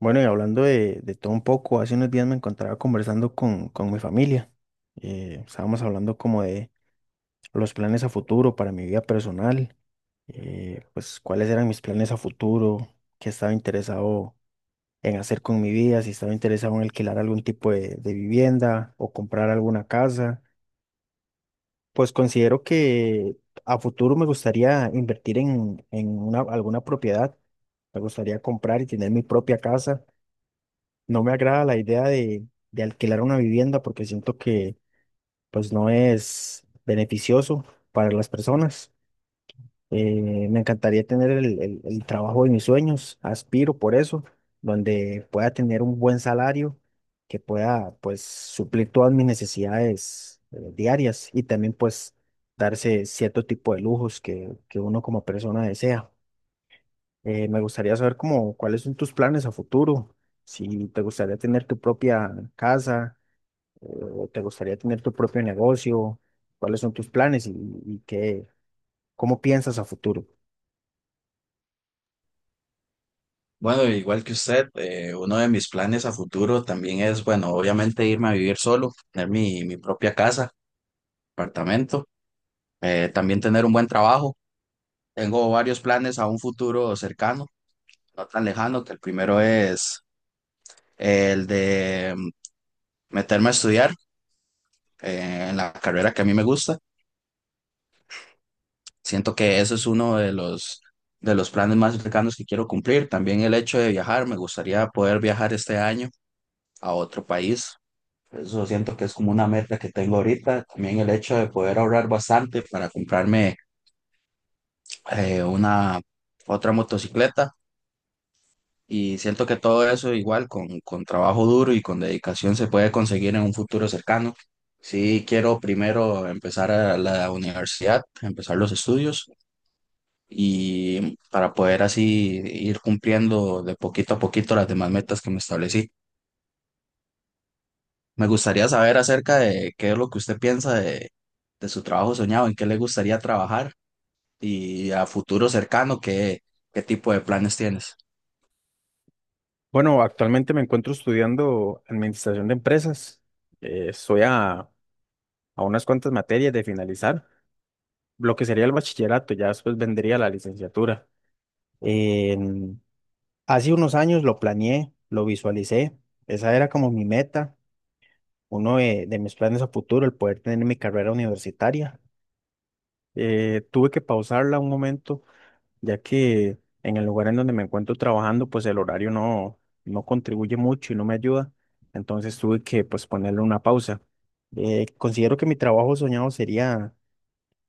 Bueno, y hablando de todo un poco, hace unos días me encontraba conversando con mi familia. Estábamos hablando como de los planes a futuro para mi vida personal, pues cuáles eran mis planes a futuro, qué estaba interesado en hacer con mi vida, si estaba interesado en alquilar algún tipo de vivienda o comprar alguna casa. Pues considero que a futuro me gustaría invertir en alguna propiedad, me gustaría comprar y tener mi propia casa. No me agrada la idea de alquilar una vivienda porque siento que pues no es beneficioso para las personas. Me encantaría tener el trabajo de mis sueños, aspiro por eso, donde pueda tener un buen salario que pueda pues suplir todas mis necesidades diarias y también pues darse cierto tipo de lujos que uno como persona desea. Me gustaría saber cómo, cuáles son tus planes a futuro, si te gustaría tener tu propia casa, o te gustaría tener tu propio negocio, cuáles son tus planes y cómo piensas a futuro. Bueno, igual que usted, uno de mis planes a futuro también es, bueno, obviamente irme a vivir solo, tener mi propia casa, apartamento, también tener un buen trabajo. Tengo varios planes a un futuro cercano, no tan lejano, que el primero es el de meterme a estudiar en la carrera que a mí me gusta. Siento que ese es uno de los planes más cercanos que quiero cumplir. También el hecho de viajar, me gustaría poder viajar este año a otro país. Eso siento que es como una meta que tengo ahorita. También el hecho de poder ahorrar bastante para comprarme una otra motocicleta. Y siento que todo eso igual con trabajo duro y con dedicación se puede conseguir en un futuro cercano. Sí, quiero primero empezar a la universidad, empezar los estudios y para poder así ir cumpliendo de poquito a poquito las demás metas que me establecí. Me gustaría saber acerca de qué es lo que usted piensa de su trabajo soñado, en qué le gustaría trabajar y a futuro cercano, qué, qué tipo de planes tienes. Bueno, actualmente me encuentro estudiando administración de empresas. Estoy a unas cuantas materias de finalizar lo que sería el bachillerato, ya después vendría la licenciatura. En- Hace unos años lo planeé, lo visualicé, esa era como mi meta, uno de mis planes a futuro, el poder tener mi carrera universitaria. Tuve que pausarla un momento, ya que en el lugar en donde me encuentro trabajando, pues el horario no contribuye mucho y no me ayuda. Entonces tuve que pues ponerle una pausa. Considero que mi trabajo soñado sería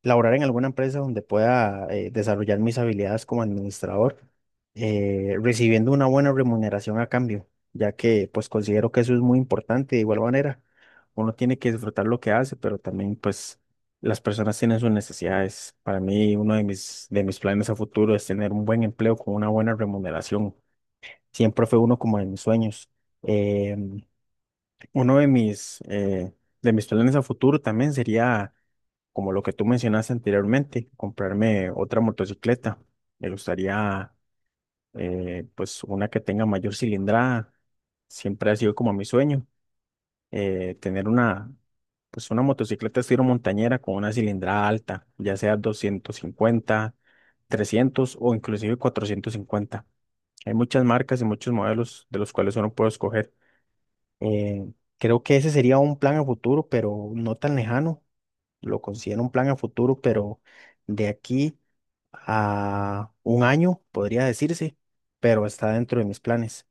laborar en alguna empresa donde pueda desarrollar mis habilidades como administrador, recibiendo una buena remuneración a cambio, ya que pues considero que eso es muy importante. De igual manera, uno tiene que disfrutar lo que hace, pero también pues las personas tienen sus necesidades. Para mí, uno de mis planes a futuro es tener un buen empleo con una buena remuneración. Siempre fue uno como de mis sueños. Em, Uno de mis planes a futuro también sería como lo que tú mencionaste anteriormente, comprarme otra motocicleta. Me gustaría, pues, una que tenga mayor cilindrada. Siempre ha sido como mi sueño, tener una, pues, una motocicleta estilo montañera con una cilindrada alta, ya sea 250, 300 o inclusive 450. Hay muchas marcas y muchos modelos de los cuales uno puede escoger. Eh, Creo que ese sería un plan a futuro, pero no tan lejano, lo considero un plan a futuro, pero de aquí a 1 año, podría decirse, pero está dentro de mis planes.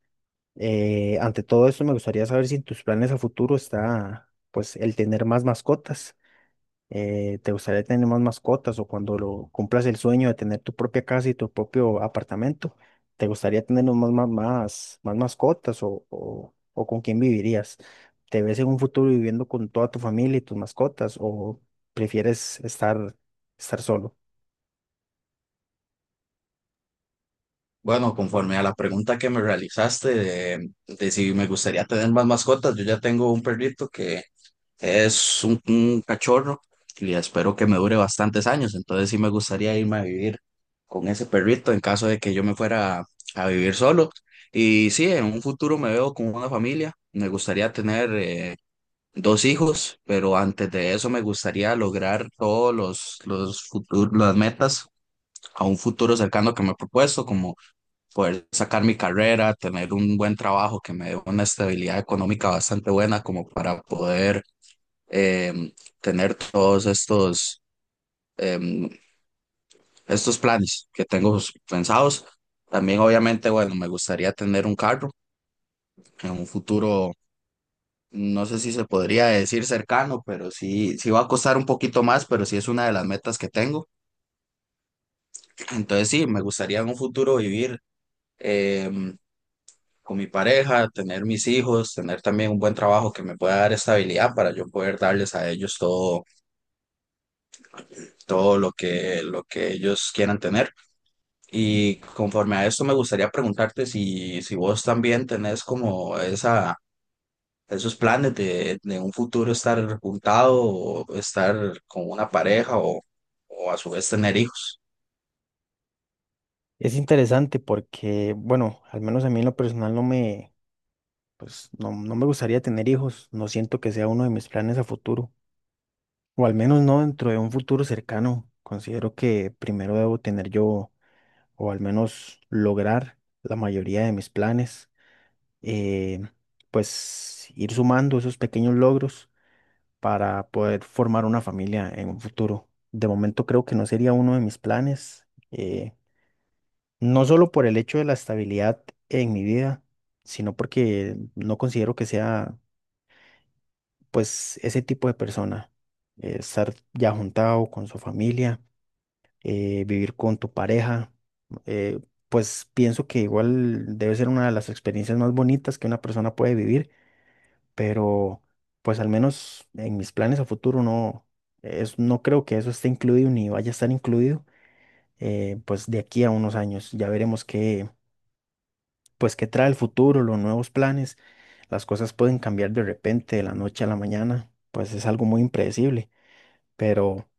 Ante todo esto, me gustaría saber si en tus planes a futuro está, pues, el tener más mascotas. ¿Te gustaría tener más mascotas o cuando lo cumplas el sueño de tener tu propia casa y tu propio apartamento? ¿Te gustaría tener más mascotas o con quién vivirías? ¿Te ves en un futuro viviendo con toda tu familia y tus mascotas o prefieres estar solo? Bueno, conforme a la pregunta que me realizaste de si me gustaría tener más mascotas, yo ya tengo un perrito que, es un cachorro y espero que me dure bastantes años. Entonces sí me gustaría irme a vivir con ese perrito en caso de que yo me fuera a vivir solo. Y sí, en un futuro me veo con una familia. Me gustaría tener dos hijos, pero antes de eso me gustaría lograr todos los futuros, las metas a un futuro cercano que me he propuesto, como poder sacar mi carrera, tener un buen trabajo que me dé una estabilidad económica bastante buena como para poder em, tener todos estos, em, estos planes que tengo pensados. También, obviamente, bueno, me gustaría tener un carro en un futuro, no sé si se podría decir cercano, pero sí, sí va a costar un poquito más, pero sí es una de las metas que tengo. Entonces, sí, me gustaría en un futuro vivir em, con mi pareja, tener mis hijos, tener también un buen trabajo que me pueda dar estabilidad para yo poder darles a ellos todo, todo lo que ellos quieran tener. Y conforme a esto me gustaría preguntarte si, si vos también tenés como esa, esos planes de un futuro estar juntado o estar con una pareja o a su vez tener hijos. Es interesante porque, bueno, al menos a mí en lo personal no me gustaría tener hijos. No siento que sea uno de mis planes a futuro. O al menos no dentro de un futuro cercano. Considero que primero debo tener yo, o al menos lograr la mayoría de mis planes. eh, pues ir sumando esos pequeños logros para poder formar una familia en un futuro. De momento creo que no sería uno de mis planes, no solo por el hecho de la estabilidad en mi vida, sino porque no considero que sea pues ese tipo de persona, estar ya juntado con su familia, vivir con tu pareja, eh, pues pienso que igual debe ser una de las experiencias más bonitas que una persona puede vivir, pero pues al menos en mis planes a futuro no creo que eso esté incluido ni vaya a estar incluido, pues de aquí a unos años ya veremos pues qué trae el futuro, los nuevos planes, las cosas pueden cambiar de repente, de la noche a la mañana, pues es algo muy impredecible, pero,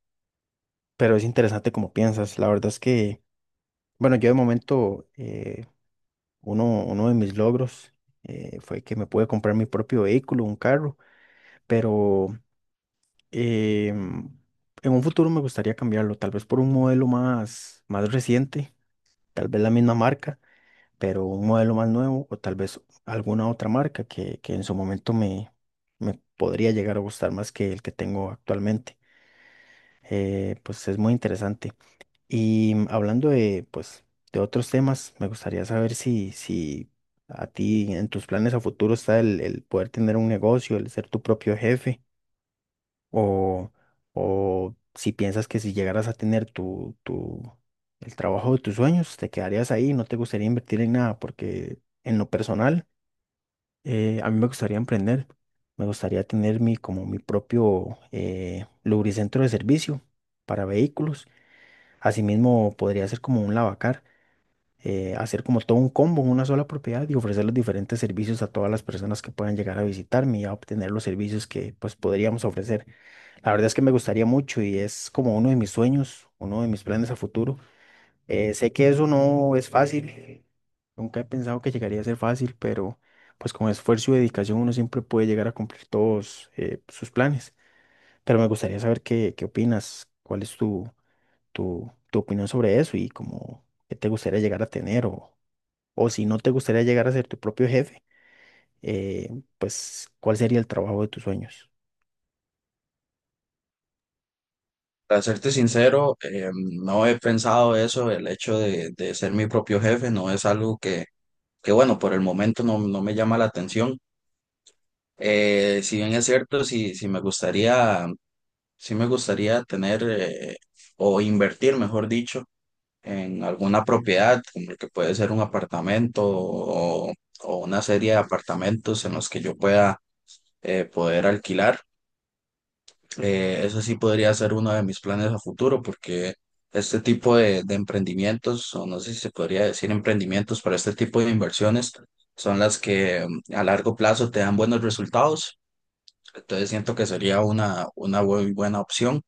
pero es interesante como piensas, la verdad es que... Bueno, yo de momento, uno de mis logros fue que me pude comprar mi propio vehículo, un carro, pero em, en un futuro me gustaría cambiarlo, tal vez por un modelo más reciente, tal vez la misma marca, pero un modelo más nuevo o tal vez alguna otra marca que en su momento me podría llegar a gustar más que el que tengo actualmente. Pues es muy interesante. Y hablando de, pues, de otros temas, me gustaría saber si a ti en tus planes a futuro está el poder tener un negocio, el ser tu propio jefe, o, o si piensas que si llegaras a tener el trabajo de tus sueños, te quedarías ahí, no te gustaría invertir en nada, porque en lo personal, a mí me gustaría emprender, me gustaría tener como mi propio lubricentro de servicio para vehículos. Asimismo, podría ser como un lavacar, hacer como todo un combo en una sola propiedad y ofrecer los diferentes servicios a todas las personas que puedan llegar a visitarme y a obtener los servicios que pues podríamos ofrecer. La verdad es que me gustaría mucho y es como uno de mis sueños, uno de mis planes a futuro. Sé que eso no es fácil, nunca he pensado que llegaría a ser fácil, pero pues con esfuerzo y dedicación uno siempre puede llegar a cumplir todos sus planes. Pero me gustaría saber qué, qué opinas, cuál es tu opinión sobre eso y cómo qué te gustaría llegar a tener o si no te gustaría llegar a ser tu propio jefe, eh, pues ¿cuál sería el trabajo de tus sueños? Para serte sincero, no he pensado eso, el hecho de ser mi propio jefe no es algo que bueno, por el momento no, no me llama la atención. Si bien es cierto, si, si me gustaría, sí me gustaría tener o invertir, mejor dicho, en alguna propiedad, como el que puede ser un apartamento o una serie de apartamentos en los que yo pueda poder alquilar. Eso sí podría ser uno de mis planes a futuro porque este tipo de emprendimientos, o no sé si se podría decir emprendimientos, pero este tipo de inversiones son las que a largo plazo te dan buenos resultados. Entonces siento que sería una muy buena opción.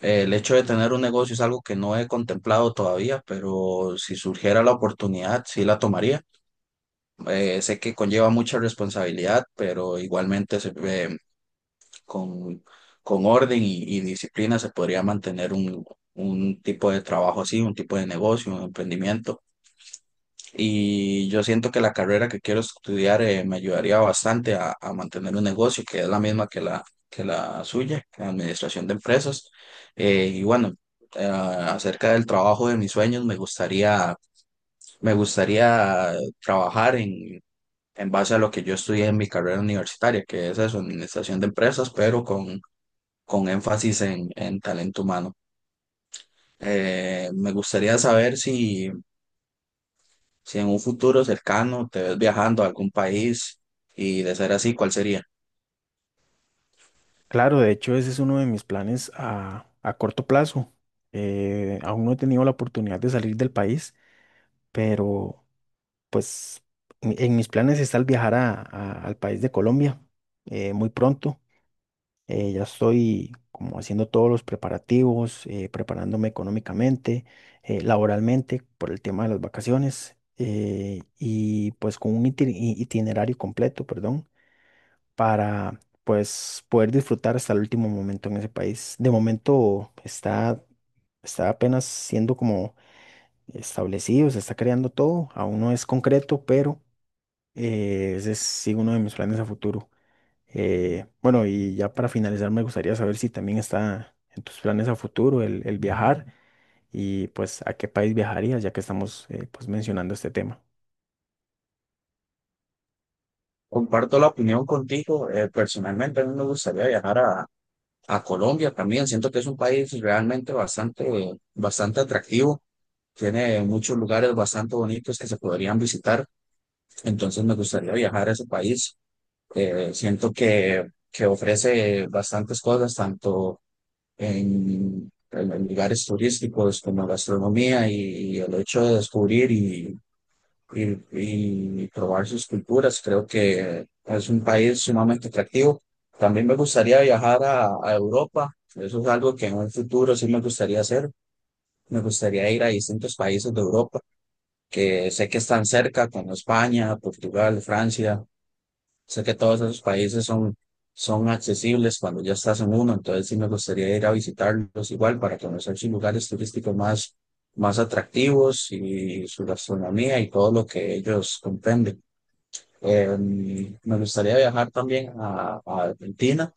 El hecho de tener un negocio es algo que no he contemplado todavía, pero si surgiera la oportunidad, sí la tomaría. Sé que conlleva mucha responsabilidad, pero igualmente se, con, con orden y disciplina se podría mantener un tipo de trabajo así, un tipo de negocio, un emprendimiento. Y yo siento que la carrera que quiero estudiar me ayudaría bastante a mantener un negocio que es la misma que la suya, que la administración de empresas. Y bueno, acerca del trabajo de mis sueños, me gustaría trabajar en base a lo que yo estudié en mi carrera universitaria, que es eso, administración de empresas, pero con énfasis en talento humano. Me gustaría saber si si en un futuro cercano te ves viajando a algún país y de ser así, ¿cuál sería? Claro, de hecho ese es uno de mis planes a corto plazo. Aún no he tenido la oportunidad de salir del país, pero pues en mis planes está el viajar al país de Colombia muy pronto. Ya estoy como haciendo todos los preparativos, preparándome económicamente, laboralmente por el tema de las vacaciones y pues con un itinerario completo, perdón, para pues poder disfrutar hasta el último momento en ese país. De momento está apenas siendo como establecido, se está creando todo, aún no es concreto, pero ese es sí, uno de mis planes a futuro. Bueno, y ya para finalizar, me gustaría saber si también está en tus planes a futuro el viajar y pues a qué país viajarías, ya que estamos pues mencionando este tema. Comparto la opinión contigo. Eh, personalmente, a mí me gustaría viajar a Colombia también. Siento que es un país realmente bastante, bastante atractivo. Tiene muchos lugares bastante bonitos que se podrían visitar. Entonces, me gustaría viajar a ese país. Siento que ofrece bastantes cosas, tanto en, en lugares turísticos como gastronomía y el hecho de descubrir y, y probar sus culturas. Creo que es un país sumamente atractivo. También me gustaría viajar a Europa. Eso es algo que en un futuro sí me gustaría hacer. Me gustaría ir a distintos países de Europa que sé que están cerca, como España, Portugal, Francia. Sé que todos esos países son, son accesibles cuando ya estás en uno. Entonces sí me gustaría ir a visitarlos igual para conocer sus lugares turísticos más, más atractivos y su gastronomía y todo lo que ellos comprenden. Me gustaría viajar también a Argentina.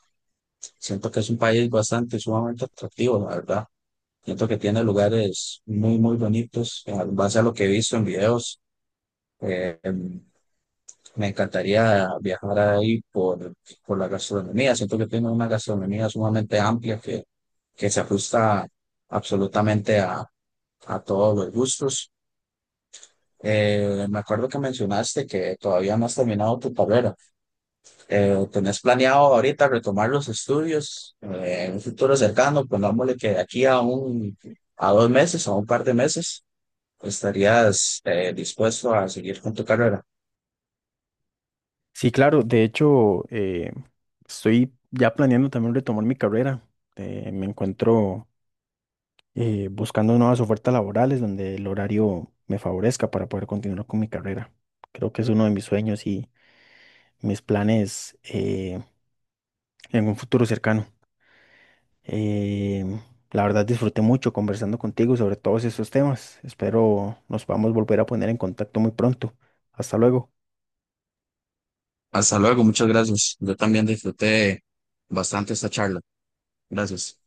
Siento que es un país bastante, sumamente atractivo, la verdad. Siento que tiene lugares muy, muy bonitos. En base a lo que he visto en videos, eh, em, me encantaría viajar ahí por la gastronomía. Siento que tiene una gastronomía sumamente amplia que se ajusta absolutamente a todos los gustos. Me acuerdo que mencionaste que todavía no has terminado tu carrera. ¿Tenés planeado ahorita retomar los estudios en un futuro cercano? Pongámosle que de aquí a un, a dos meses, a un par de meses, estarías dispuesto a seguir con tu carrera. Sí, claro, de hecho, estoy ya planeando también retomar mi carrera. Me encuentro buscando nuevas ofertas laborales donde el horario me favorezca para poder continuar con mi carrera. Creo que es uno de mis sueños y mis planes en un futuro cercano. Eh, la verdad disfruté mucho conversando contigo sobre todos esos temas. Espero nos podamos volver a poner en contacto muy pronto. Hasta luego. Hasta luego, muchas gracias. Yo también disfruté bastante esta charla. Gracias.